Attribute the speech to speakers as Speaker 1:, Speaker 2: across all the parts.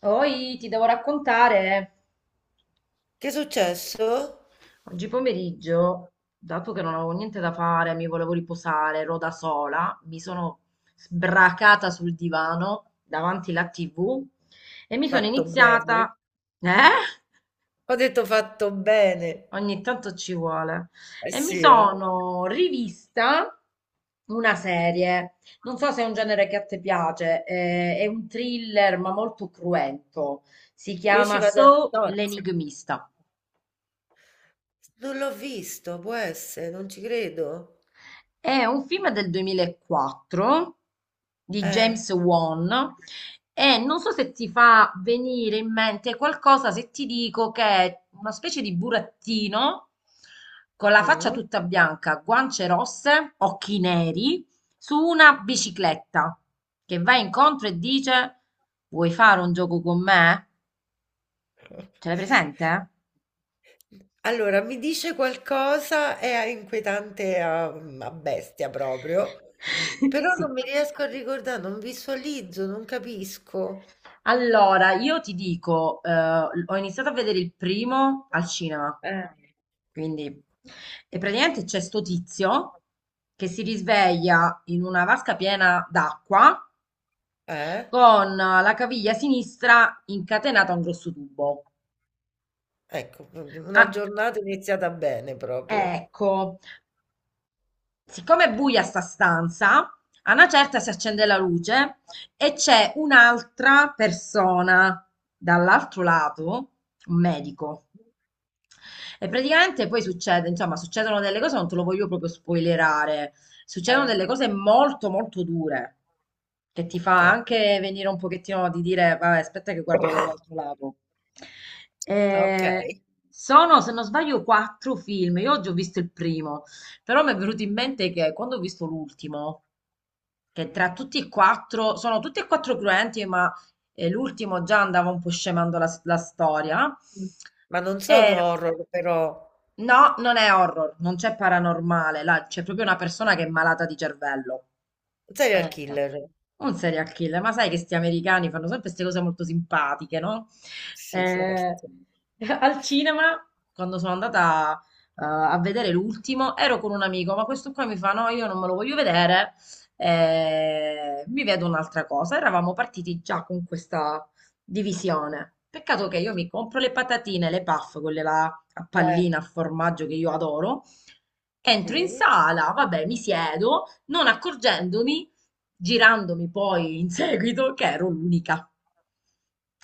Speaker 1: Poi ti devo raccontare,
Speaker 2: Che è successo?
Speaker 1: oggi pomeriggio, dato che non avevo niente da fare, mi volevo riposare, ero da sola, mi sono sbracata sul divano davanti alla TV e mi sono
Speaker 2: Fatto bene.
Speaker 1: iniziata, eh?
Speaker 2: Ho detto fatto bene.
Speaker 1: Ogni tanto ci vuole.
Speaker 2: Eh
Speaker 1: E mi
Speaker 2: sì, eh.
Speaker 1: sono rivista una serie. Non so se è un genere che a te piace, è un thriller ma molto cruento. Si
Speaker 2: Io ci
Speaker 1: chiama
Speaker 2: vado a
Speaker 1: So
Speaker 2: nozze.
Speaker 1: l'Enigmista.
Speaker 2: Non l'ho visto, può essere, non ci credo.
Speaker 1: È un film del 2004 di
Speaker 2: Eh.
Speaker 1: James Wan e non so se ti fa venire in mente qualcosa se ti dico che è una specie di burattino con la faccia
Speaker 2: Mm.
Speaker 1: tutta bianca, guance rosse, occhi neri, su una bicicletta che va incontro e dice: Vuoi fare un gioco con me? Ce l'hai presente?
Speaker 2: Allora, mi dice qualcosa, è inquietante a bestia proprio, però non
Speaker 1: Sì.
Speaker 2: mi riesco a ricordare, non visualizzo, non capisco.
Speaker 1: Allora, io ti dico, ho iniziato a vedere il primo al cinema,
Speaker 2: Eh.
Speaker 1: quindi, e praticamente c'è sto tizio che si risveglia in una vasca piena d'acqua
Speaker 2: Eh?
Speaker 1: con la caviglia sinistra incatenata a un grosso tubo.
Speaker 2: Ecco, u una
Speaker 1: Ah,
Speaker 2: giornata iniziata bene proprio.
Speaker 1: ecco, siccome è buia sta stanza, a una certa si accende la luce e c'è un'altra persona dall'altro lato, un medico. E praticamente poi succede, insomma, succedono delle cose, non te lo voglio proprio spoilerare, succedono
Speaker 2: Eh,
Speaker 1: delle cose molto molto dure, che ti fa
Speaker 2: okay.
Speaker 1: anche venire un pochettino di dire, vabbè, aspetta che guardo dall'altro lato. Eh,
Speaker 2: Okay.
Speaker 1: sono, se non sbaglio, quattro film, io oggi ho visto il primo, però mi è venuto in mente che quando ho visto l'ultimo, che tra tutti e quattro, sono tutti e quattro cruenti, ma l'ultimo già andava un po' scemando la storia.
Speaker 2: Mh. Ma non sono
Speaker 1: Ero-
Speaker 2: horror però
Speaker 1: No, non è horror, non c'è paranormale, là c'è proprio una persona che è malata di cervello.
Speaker 2: serial
Speaker 1: Eh,
Speaker 2: killer.
Speaker 1: un serial killer, ma sai che sti americani fanno sempre queste cose molto simpatiche, no?
Speaker 2: Sì,
Speaker 1: Eh,
Speaker 2: certo.
Speaker 1: Al cinema, quando sono andata a vedere l'ultimo, ero con un amico, ma questo qua mi fa, no, io non me lo voglio vedere, mi vedo un'altra cosa. Eravamo partiti già con questa divisione. Peccato che io mi compro le patatine, le puff, quelle là a
Speaker 2: Eh,
Speaker 1: pallina, a formaggio che io adoro. Entro in
Speaker 2: sì.
Speaker 1: sala, vabbè, mi siedo, non accorgendomi, girandomi poi in seguito, che ero l'unica.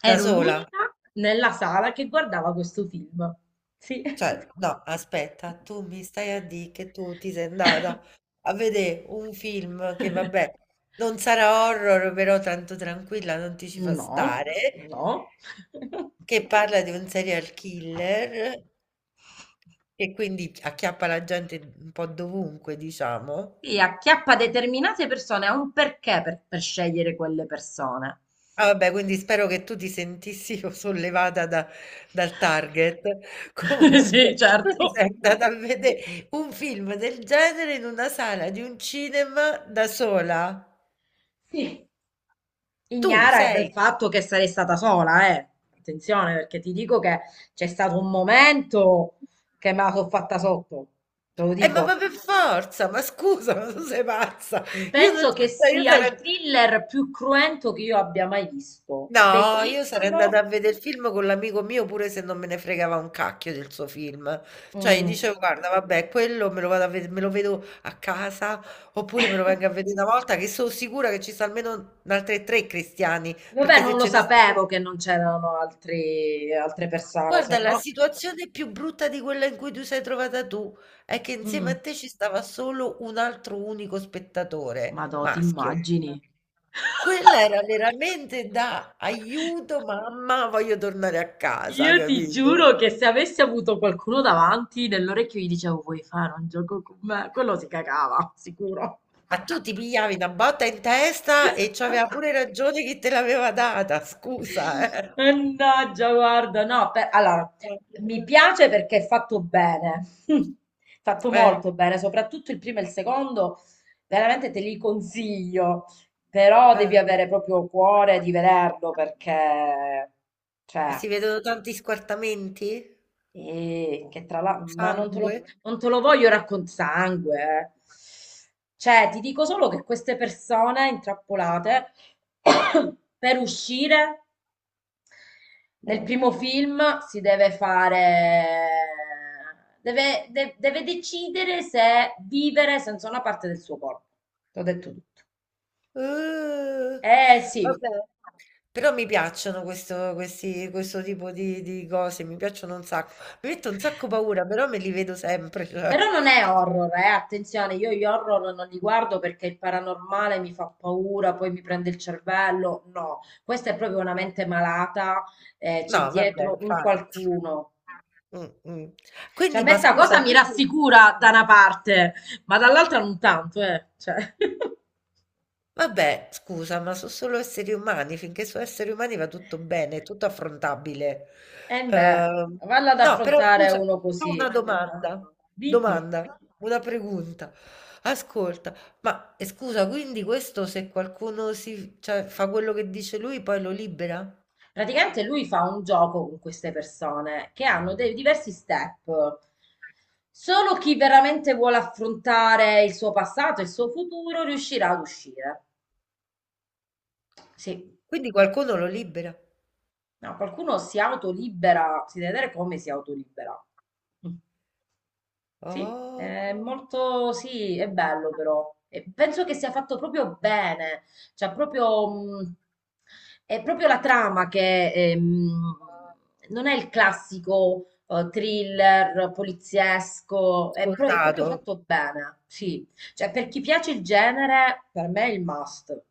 Speaker 2: Da
Speaker 1: Ero
Speaker 2: sola?
Speaker 1: l'unica nella sala che guardava questo film. Sì.
Speaker 2: Cioè, no, aspetta, tu mi stai a dì che tu ti sei andata a vedè un film che vabbè, non sarà horror, però tanto tranquilla, non ti ci fa
Speaker 1: No,
Speaker 2: stare,
Speaker 1: no.
Speaker 2: che parla di un serial killer che quindi acchiappa la gente un po' dovunque, diciamo.
Speaker 1: Sì, acchiappa determinate persone, ha un perché per scegliere quelle persone.
Speaker 2: Ah, vabbè, quindi spero che tu ti sentissi sollevata dal target.
Speaker 1: Sì,
Speaker 2: Comunque, tu ti
Speaker 1: certo.
Speaker 2: sei andata a vedere un film del genere in una sala di un cinema da sola.
Speaker 1: Sì,
Speaker 2: Tu
Speaker 1: ignara del
Speaker 2: sei.
Speaker 1: fatto che sarei stata sola, eh. Attenzione, perché ti dico che c'è stato un momento che me la sono fatta sotto, te lo
Speaker 2: Ma,
Speaker 1: dico.
Speaker 2: ma per forza, ma scusa, ma tu sei pazza. Io non,
Speaker 1: Penso che
Speaker 2: cioè, io
Speaker 1: sia il
Speaker 2: sarei.
Speaker 1: thriller più cruento che io abbia mai visto.
Speaker 2: No, io sarei
Speaker 1: Bellissimo.
Speaker 2: andata a vedere il film con l'amico mio pure se non me ne fregava un cacchio del suo film. Cioè, gli
Speaker 1: Mm.
Speaker 2: dicevo, guarda, vabbè, quello me lo vedo a casa, oppure me lo vengo a vedere una volta che sono sicura che ci sono almeno altre tre cristiani,
Speaker 1: Vabbè,
Speaker 2: perché se
Speaker 1: non lo
Speaker 2: ce ne sono.
Speaker 1: sapevo che non c'erano altre persone, se
Speaker 2: Guarda, la
Speaker 1: no.
Speaker 2: situazione più brutta di quella in cui tu sei trovata tu è che insieme
Speaker 1: Mm.
Speaker 2: a te ci stava solo un altro unico spettatore,
Speaker 1: Madò, ti
Speaker 2: maschio.
Speaker 1: immagini?
Speaker 2: Quella era veramente da aiuto, mamma, voglio tornare a casa,
Speaker 1: Io ti
Speaker 2: capito?
Speaker 1: giuro che se avessi avuto qualcuno davanti, nell'orecchio gli dicevo, vuoi fare un gioco con me? Quello si cagava, sicuro.
Speaker 2: Ma tu ti pigliavi una botta in testa e c'aveva pure ragione chi te l'aveva data, scusa, eh.
Speaker 1: Mannaggia, guarda, no, allora, mi piace perché è fatto bene, fatto
Speaker 2: Eh.
Speaker 1: molto bene, soprattutto il primo e il secondo, veramente te li consiglio, però devi
Speaker 2: Eh.
Speaker 1: avere proprio cuore di vederlo perché,
Speaker 2: Ma
Speaker 1: cioè...
Speaker 2: si vedono tanti squartamenti?
Speaker 1: E che tra l'altro, ma non te
Speaker 2: Sangue?
Speaker 1: lo, non te lo voglio raccontare sangue. Eh. Cioè, ti dico solo che queste persone intrappolate per uscire nel
Speaker 2: Eh.
Speaker 1: primo film si deve fare, deve decidere se vivere senza una parte del suo corpo. T'ho detto tutto.
Speaker 2: Uh,
Speaker 1: Eh sì.
Speaker 2: vabbè, però mi piacciono questo tipo di cose, mi piacciono un sacco. Mi metto un sacco paura, però me li vedo sempre.
Speaker 1: Però non è horror, eh? Attenzione, io gli horror non li guardo perché il paranormale mi fa paura, poi mi prende il cervello. No, questa è proprio una mente malata, c'è
Speaker 2: No, vabbè,
Speaker 1: dietro un
Speaker 2: infatti.
Speaker 1: qualcuno.
Speaker 2: Mm, mm.
Speaker 1: Cioè, a
Speaker 2: Quindi,
Speaker 1: me
Speaker 2: ma
Speaker 1: sta
Speaker 2: scusa,
Speaker 1: cosa mi
Speaker 2: quindi.
Speaker 1: rassicura da una parte, ma dall'altra non tanto, eh. Cioè.
Speaker 2: Vabbè, scusa, ma so' solo esseri umani, finché so' esseri umani va tutto bene, è tutto affrontabile.
Speaker 1: E beh,
Speaker 2: Uhm,
Speaker 1: valla ad
Speaker 2: no, però
Speaker 1: affrontare
Speaker 2: scusa,
Speaker 1: uno
Speaker 2: c'ho una
Speaker 1: così. Ma,
Speaker 2: domanda,
Speaker 1: dimmi.
Speaker 2: domanda, una pregunta. Ascolta, ma e scusa, quindi questo se qualcuno si cioè fa quello che dice lui poi lo libera?
Speaker 1: Praticamente lui fa un gioco con queste persone che hanno dei diversi step. Solo chi veramente vuole affrontare il suo passato e il suo futuro riuscirà ad uscire. Sì,
Speaker 2: Quindi qualcuno lo libera?
Speaker 1: no, qualcuno si autolibera, si deve vedere come si autolibera. Sì, è
Speaker 2: Oh,
Speaker 1: molto, sì, è bello però. E penso che sia fatto proprio bene, cioè proprio, è proprio la trama che non è il classico thriller poliziesco, è proprio
Speaker 2: scontato.
Speaker 1: fatto bene, sì. Cioè per chi piace il genere, per me è il must,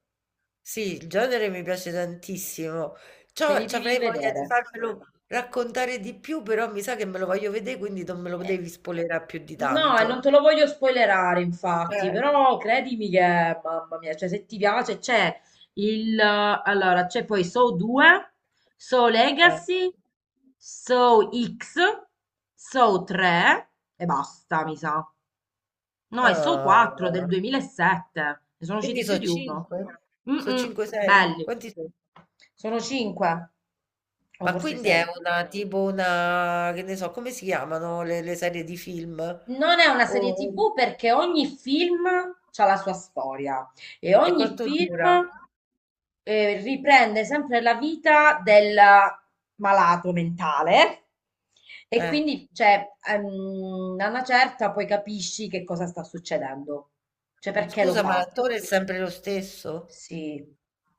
Speaker 2: Sì, il genere mi piace tantissimo.
Speaker 1: te li
Speaker 2: C'ho ci
Speaker 1: devi
Speaker 2: avrei voglia
Speaker 1: vedere.
Speaker 2: di farmelo raccontare di più, però mi sa che me lo voglio vedere, quindi non me lo
Speaker 1: Eh,
Speaker 2: devi spoilerare più di
Speaker 1: No, e non
Speaker 2: tanto.
Speaker 1: te lo voglio spoilerare, infatti,
Speaker 2: Eh.
Speaker 1: però credimi che, mamma mia, cioè se ti piace Allora, c'è poi Saw 2, Saw
Speaker 2: Eh.
Speaker 1: Legacy, Saw X, Saw 3 e basta, mi sa. No, è Saw 4 del
Speaker 2: Ah.
Speaker 1: 2007, ne sono
Speaker 2: Quindi
Speaker 1: usciti più
Speaker 2: sono
Speaker 1: di uno.
Speaker 2: 5?
Speaker 1: Mm,
Speaker 2: Sono
Speaker 1: mm,
Speaker 2: 5-6?
Speaker 1: belli.
Speaker 2: Quanti sono?
Speaker 1: Sono 5, o
Speaker 2: Ma
Speaker 1: forse
Speaker 2: quindi è
Speaker 1: 6.
Speaker 2: una tipo una, che ne so, come si chiamano le serie di film?
Speaker 1: Non è una serie
Speaker 2: O-
Speaker 1: TV perché ogni film ha la sua storia e
Speaker 2: E
Speaker 1: ogni
Speaker 2: quanto
Speaker 1: film
Speaker 2: dura?
Speaker 1: riprende sempre la vita del malato mentale e
Speaker 2: Eh.
Speaker 1: quindi cioè, a una certa poi capisci che cosa sta succedendo, cioè perché lo
Speaker 2: Scusa, ma
Speaker 1: fa.
Speaker 2: l'attore è sempre lo stesso?
Speaker 1: Sì,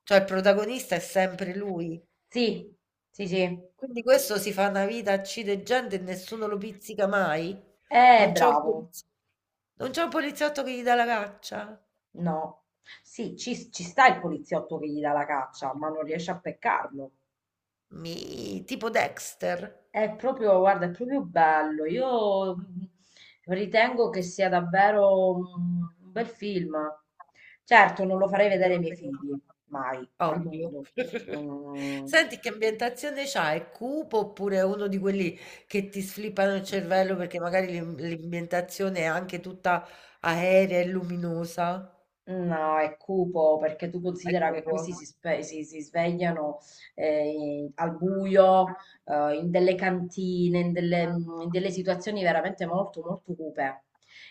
Speaker 2: Cioè il protagonista è sempre lui?
Speaker 1: sì, sì, sì.
Speaker 2: Quindi questo si fa una vita, uccide gente e nessuno lo pizzica mai? Non c'è un
Speaker 1: Bravo.
Speaker 2: poliziotto, non c'è un poliziotto che gli dà la caccia?
Speaker 1: No. Sì, ci sta il poliziotto che gli dà la caccia, ma non riesce a peccarlo.
Speaker 2: Mi, tipo Dexter.
Speaker 1: È proprio, guarda, è proprio bello. Io ritengo che sia davvero un bel film. Certo, non lo farei vedere
Speaker 2: Andiamo
Speaker 1: ai
Speaker 2: a
Speaker 1: miei
Speaker 2: vedere.
Speaker 1: figli, mai, al
Speaker 2: Ovvio.
Speaker 1: mondo. Mm.
Speaker 2: Senti, che ambientazione c'ha? È cupo oppure è uno di quelli che ti sflippano il cervello perché magari l'ambientazione è anche tutta aerea e luminosa?
Speaker 1: No, è cupo perché tu considera
Speaker 2: Ecco
Speaker 1: che questi
Speaker 2: buono.
Speaker 1: si svegliano al buio, in delle cantine, in delle situazioni veramente molto, molto cupe,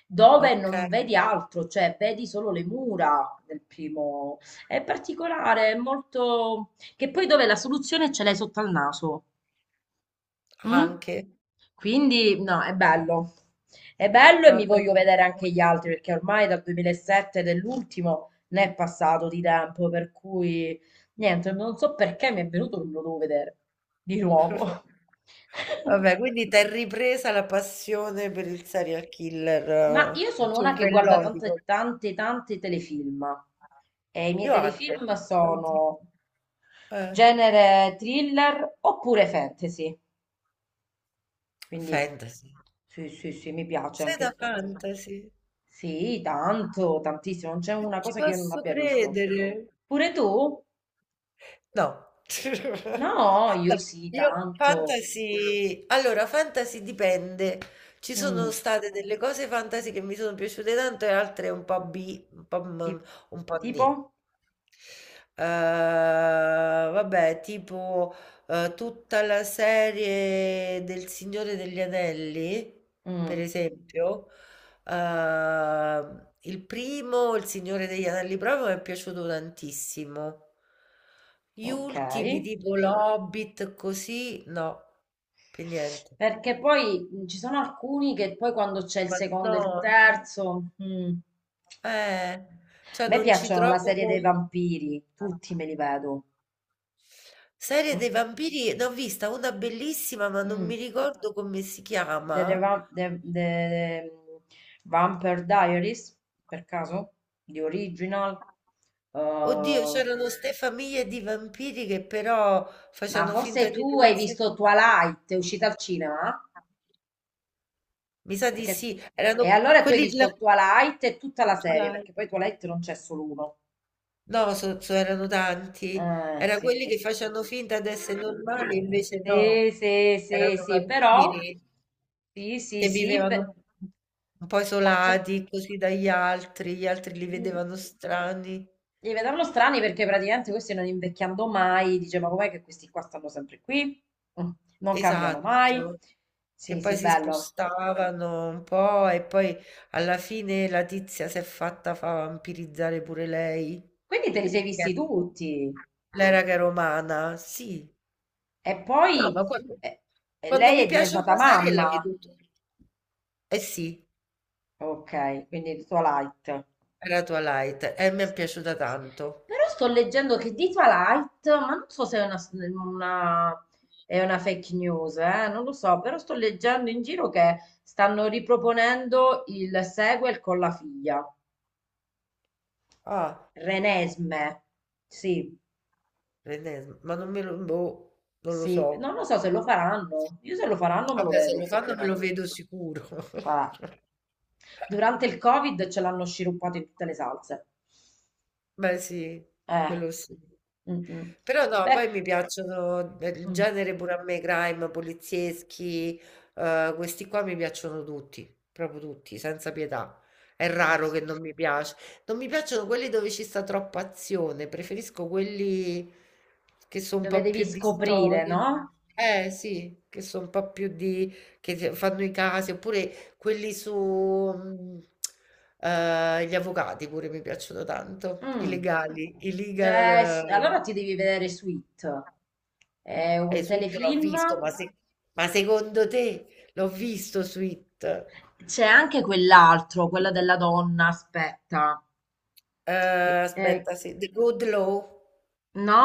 Speaker 1: dove non
Speaker 2: Okay,
Speaker 1: vedi altro, cioè vedi solo le mura del primo. È particolare, è molto... che poi dove la soluzione ce l'hai sotto al naso. Mm?
Speaker 2: anche.
Speaker 1: Quindi no, è bello. È bello e mi
Speaker 2: Vabbè.
Speaker 1: voglio vedere anche gli altri perché ormai dal 2007 dell'ultimo ne è passato di tempo, per cui niente, non so perché mi è venuto che me lo devo vedere di nuovo.
Speaker 2: Vabbè, quindi t'è ripresa la passione per il serial killer
Speaker 1: Ma io sono una che guarda
Speaker 2: cervellotico.
Speaker 1: tante, tante, tante telefilm e i miei
Speaker 2: Io anche,
Speaker 1: telefilm sono
Speaker 2: tantissimo. Eh,
Speaker 1: genere thriller oppure fantasy. Quindi
Speaker 2: fantasy.
Speaker 1: sì, sì, sì, mi piace
Speaker 2: Sei
Speaker 1: anche
Speaker 2: da
Speaker 1: il fantasy.
Speaker 2: fantasy?
Speaker 1: Sì, tanto, tantissimo, non c'è
Speaker 2: Non
Speaker 1: una
Speaker 2: ci
Speaker 1: cosa che io non
Speaker 2: posso
Speaker 1: abbia visto.
Speaker 2: credere.
Speaker 1: Pure tu?
Speaker 2: No.
Speaker 1: No,
Speaker 2: No,
Speaker 1: io sì,
Speaker 2: io
Speaker 1: tanto.
Speaker 2: fantasy, allora fantasy dipende. Ci
Speaker 1: Mm.
Speaker 2: sono state delle cose fantasy che mi sono piaciute tanto e altre un po' B, un po',
Speaker 1: ti-
Speaker 2: un po'
Speaker 1: Tipo?
Speaker 2: nì. Eh, vabbè, tipo tutta la serie del Signore degli Anelli, per
Speaker 1: Mm,
Speaker 2: esempio. Il primo, Il Signore degli Anelli proprio mi è piaciuto tantissimo. Gli
Speaker 1: ok.
Speaker 2: ultimi, tipo l'Hobbit, così, no, per niente.
Speaker 1: Perché poi ci sono alcuni che poi quando c'è il
Speaker 2: Ma
Speaker 1: secondo
Speaker 2: no,
Speaker 1: e il terzo... mm.
Speaker 2: eh,
Speaker 1: A
Speaker 2: cioè
Speaker 1: me
Speaker 2: non ci
Speaker 1: piacciono la
Speaker 2: trovo.
Speaker 1: serie dei vampiri, tutti me li vedo.
Speaker 2: Serie dei vampiri, ne ho vista una bellissima, ma non
Speaker 1: Mm.
Speaker 2: mi ricordo come si
Speaker 1: The, The
Speaker 2: chiama.
Speaker 1: Vamp- The- The Vampire Diaries, per caso? The Original?
Speaker 2: Oddio,
Speaker 1: Uh,
Speaker 2: c'erano ste famiglie di vampiri che però
Speaker 1: ma
Speaker 2: facevano
Speaker 1: forse
Speaker 2: finta di
Speaker 1: tu
Speaker 2: non
Speaker 1: hai
Speaker 2: essere.
Speaker 1: visto Twilight, è uscita al cinema?
Speaker 2: Mi sa di
Speaker 1: Perché... s-
Speaker 2: sì,
Speaker 1: E
Speaker 2: erano
Speaker 1: allora tu hai
Speaker 2: quelli della.
Speaker 1: visto Twilight e tutta la serie,
Speaker 2: Live.
Speaker 1: perché poi Twilight non c'è solo uno.
Speaker 2: No, erano tanti. Era quelli che
Speaker 1: Sì.
Speaker 2: facevano finta di essere normali, invece no,
Speaker 1: Sì, sì,
Speaker 2: erano
Speaker 1: sì, sì, però...
Speaker 2: vampiri
Speaker 1: Sì, sì,
Speaker 2: che
Speaker 1: sì,
Speaker 2: vivevano un po'
Speaker 1: ma c'è...
Speaker 2: isolati così dagli altri, gli altri li
Speaker 1: mm,
Speaker 2: vedevano strani.
Speaker 1: Li vedevano strani perché praticamente questi non invecchiando mai, dice, ma com'è che questi qua stanno sempre qui? Mm. Non cambiano mai.
Speaker 2: Esatto. Che
Speaker 1: Sì, sì,
Speaker 2: poi si
Speaker 1: bello.
Speaker 2: spostavano un po' e poi alla fine la tizia si è fatta fa vampirizzare pure lei.
Speaker 1: Quindi te li sei
Speaker 2: Che
Speaker 1: visti tutti.
Speaker 2: Le raghe romana, sì.
Speaker 1: E
Speaker 2: No, ma
Speaker 1: poi
Speaker 2: quando,
Speaker 1: eh,
Speaker 2: quando
Speaker 1: lei
Speaker 2: mi
Speaker 1: è
Speaker 2: piace
Speaker 1: diventata
Speaker 2: una serie la
Speaker 1: mamma.
Speaker 2: vedo tutta. Eh sì,
Speaker 1: Ok, quindi di Twilight.
Speaker 2: era Twilight e mi è
Speaker 1: Sì.
Speaker 2: piaciuta tanto.
Speaker 1: Però sto leggendo che di Twilight, ma non so se una- è una fake news, non lo so, però sto leggendo in giro che stanno riproponendo il sequel con la figlia.
Speaker 2: Ah,
Speaker 1: Renesme. Sì,
Speaker 2: l'ennesima, ma non me lo, boh, non lo
Speaker 1: sì. No,
Speaker 2: so.
Speaker 1: non lo so se lo faranno. Io se lo faranno me lo
Speaker 2: Vabbè, se
Speaker 1: vedo,
Speaker 2: lo fanno me lo
Speaker 1: ovviamente.
Speaker 2: vedo sicuro.
Speaker 1: Cioè, durante il Covid ce l'hanno sciroppato in tutte le salse.
Speaker 2: Beh sì,
Speaker 1: Eh.
Speaker 2: quello sì.
Speaker 1: Mm, mm.
Speaker 2: Però no,
Speaker 1: Beh,
Speaker 2: poi mi piacciono il
Speaker 1: mm,
Speaker 2: genere pure a me, crime, polizieschi, questi qua mi piacciono tutti, proprio tutti, senza pietà. È
Speaker 1: sì,
Speaker 2: raro che
Speaker 1: sì.
Speaker 2: non mi piace. Non mi piacciono quelli dove ci sta troppa azione, preferisco quelli che sono un
Speaker 1: Dove
Speaker 2: po'
Speaker 1: devi
Speaker 2: più di
Speaker 1: scoprire,
Speaker 2: storia.
Speaker 1: no?
Speaker 2: Eh sì, che sono un po' più di, che fanno i casi, oppure quelli su, mm, gli avvocati pure mi piacciono tanto, i
Speaker 1: Mm.
Speaker 2: legali, i
Speaker 1: C'è-
Speaker 2: legal.
Speaker 1: allora ti devi vedere Sweet. È un
Speaker 2: Sweet l'ho
Speaker 1: telefilm.
Speaker 2: visto, ma se ma secondo te l'ho visto Sweet?
Speaker 1: C'è anche quell'altro, quello della donna, aspetta. Che-
Speaker 2: Ehm,
Speaker 1: eh,
Speaker 2: aspetta, sì, The Good Law,
Speaker 1: No,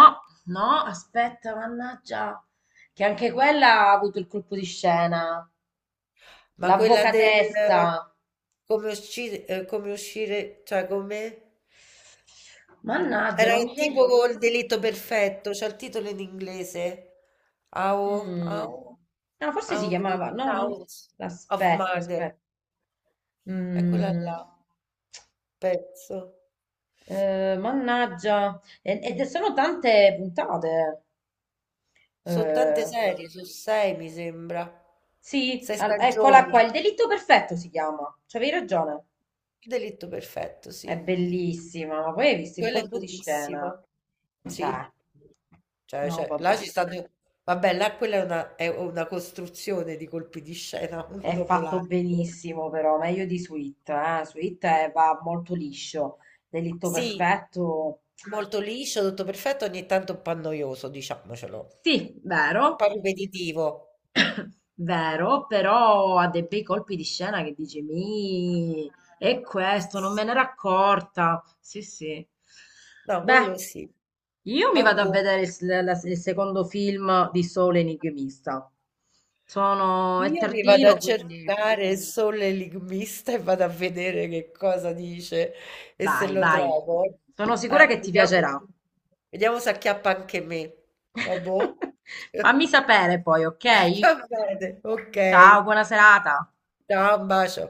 Speaker 1: no, aspetta, mannaggia, che anche quella ha avuto il colpo di scena,
Speaker 2: ma quella del
Speaker 1: l'avvocatessa.
Speaker 2: come uscire, cioè come
Speaker 1: Mannaggia,
Speaker 2: era
Speaker 1: non mi viene...
Speaker 2: tipo col delitto perfetto, c'è il titolo in inglese. How,
Speaker 1: Mm.
Speaker 2: how,
Speaker 1: No, forse si
Speaker 2: how great
Speaker 1: chiamava... No, non...
Speaker 2: House of
Speaker 1: Aspetta,
Speaker 2: Murder.
Speaker 1: aspetta.
Speaker 2: È quella
Speaker 1: Mm.
Speaker 2: là, penso.
Speaker 1: Mannaggia. Ed sono tante puntate.
Speaker 2: Sono tante
Speaker 1: Eh,
Speaker 2: serie, sono sei mi sembra.
Speaker 1: sì,
Speaker 2: Sei
Speaker 1: eccola qua,
Speaker 2: stagioni.
Speaker 1: il delitto perfetto si chiama. C'avevi ragione.
Speaker 2: Il delitto perfetto,
Speaker 1: È
Speaker 2: sì.
Speaker 1: bellissima, ma poi hai visto il
Speaker 2: Quella è
Speaker 1: colpo di scena?
Speaker 2: bellissima. Sì.
Speaker 1: Cioè,
Speaker 2: Cioè,
Speaker 1: no,
Speaker 2: cioè, là ci
Speaker 1: vabbè.
Speaker 2: stanno. Vabbè, là quella è una, costruzione di colpi di scena, uno
Speaker 1: È
Speaker 2: dopo
Speaker 1: fatto
Speaker 2: l'altro.
Speaker 1: benissimo, però, meglio di Sweet, eh. Sweet va molto liscio. Delitto
Speaker 2: Sì,
Speaker 1: perfetto.
Speaker 2: molto liscio, tutto perfetto, ogni tanto un po' noioso, diciamocelo. Un
Speaker 1: Sì, vero,
Speaker 2: po' ripetitivo.
Speaker 1: vero, però ha dei bei colpi di scena che dici, mi, è questo, non me n'era accorta. Sì, sì.
Speaker 2: No, quello
Speaker 1: Beh,
Speaker 2: sì.
Speaker 1: io mi
Speaker 2: Ma
Speaker 1: vado a
Speaker 2: boh.
Speaker 1: vedere il secondo film di Sole Enigmista. È
Speaker 2: Io mi vado a
Speaker 1: tardino, quindi
Speaker 2: cercare il sole enigmista e vado a vedere che cosa dice e se
Speaker 1: vai,
Speaker 2: lo
Speaker 1: vai.
Speaker 2: trovo.
Speaker 1: Sono sicura
Speaker 2: Eh,
Speaker 1: che ti
Speaker 2: vediamo,
Speaker 1: piacerà.
Speaker 2: vediamo se acchiappa anche me. Vabbè.
Speaker 1: Fammi sapere poi, ok?
Speaker 2: Va bene, ok.
Speaker 1: Ciao, buona serata.
Speaker 2: Ciao, un bacio.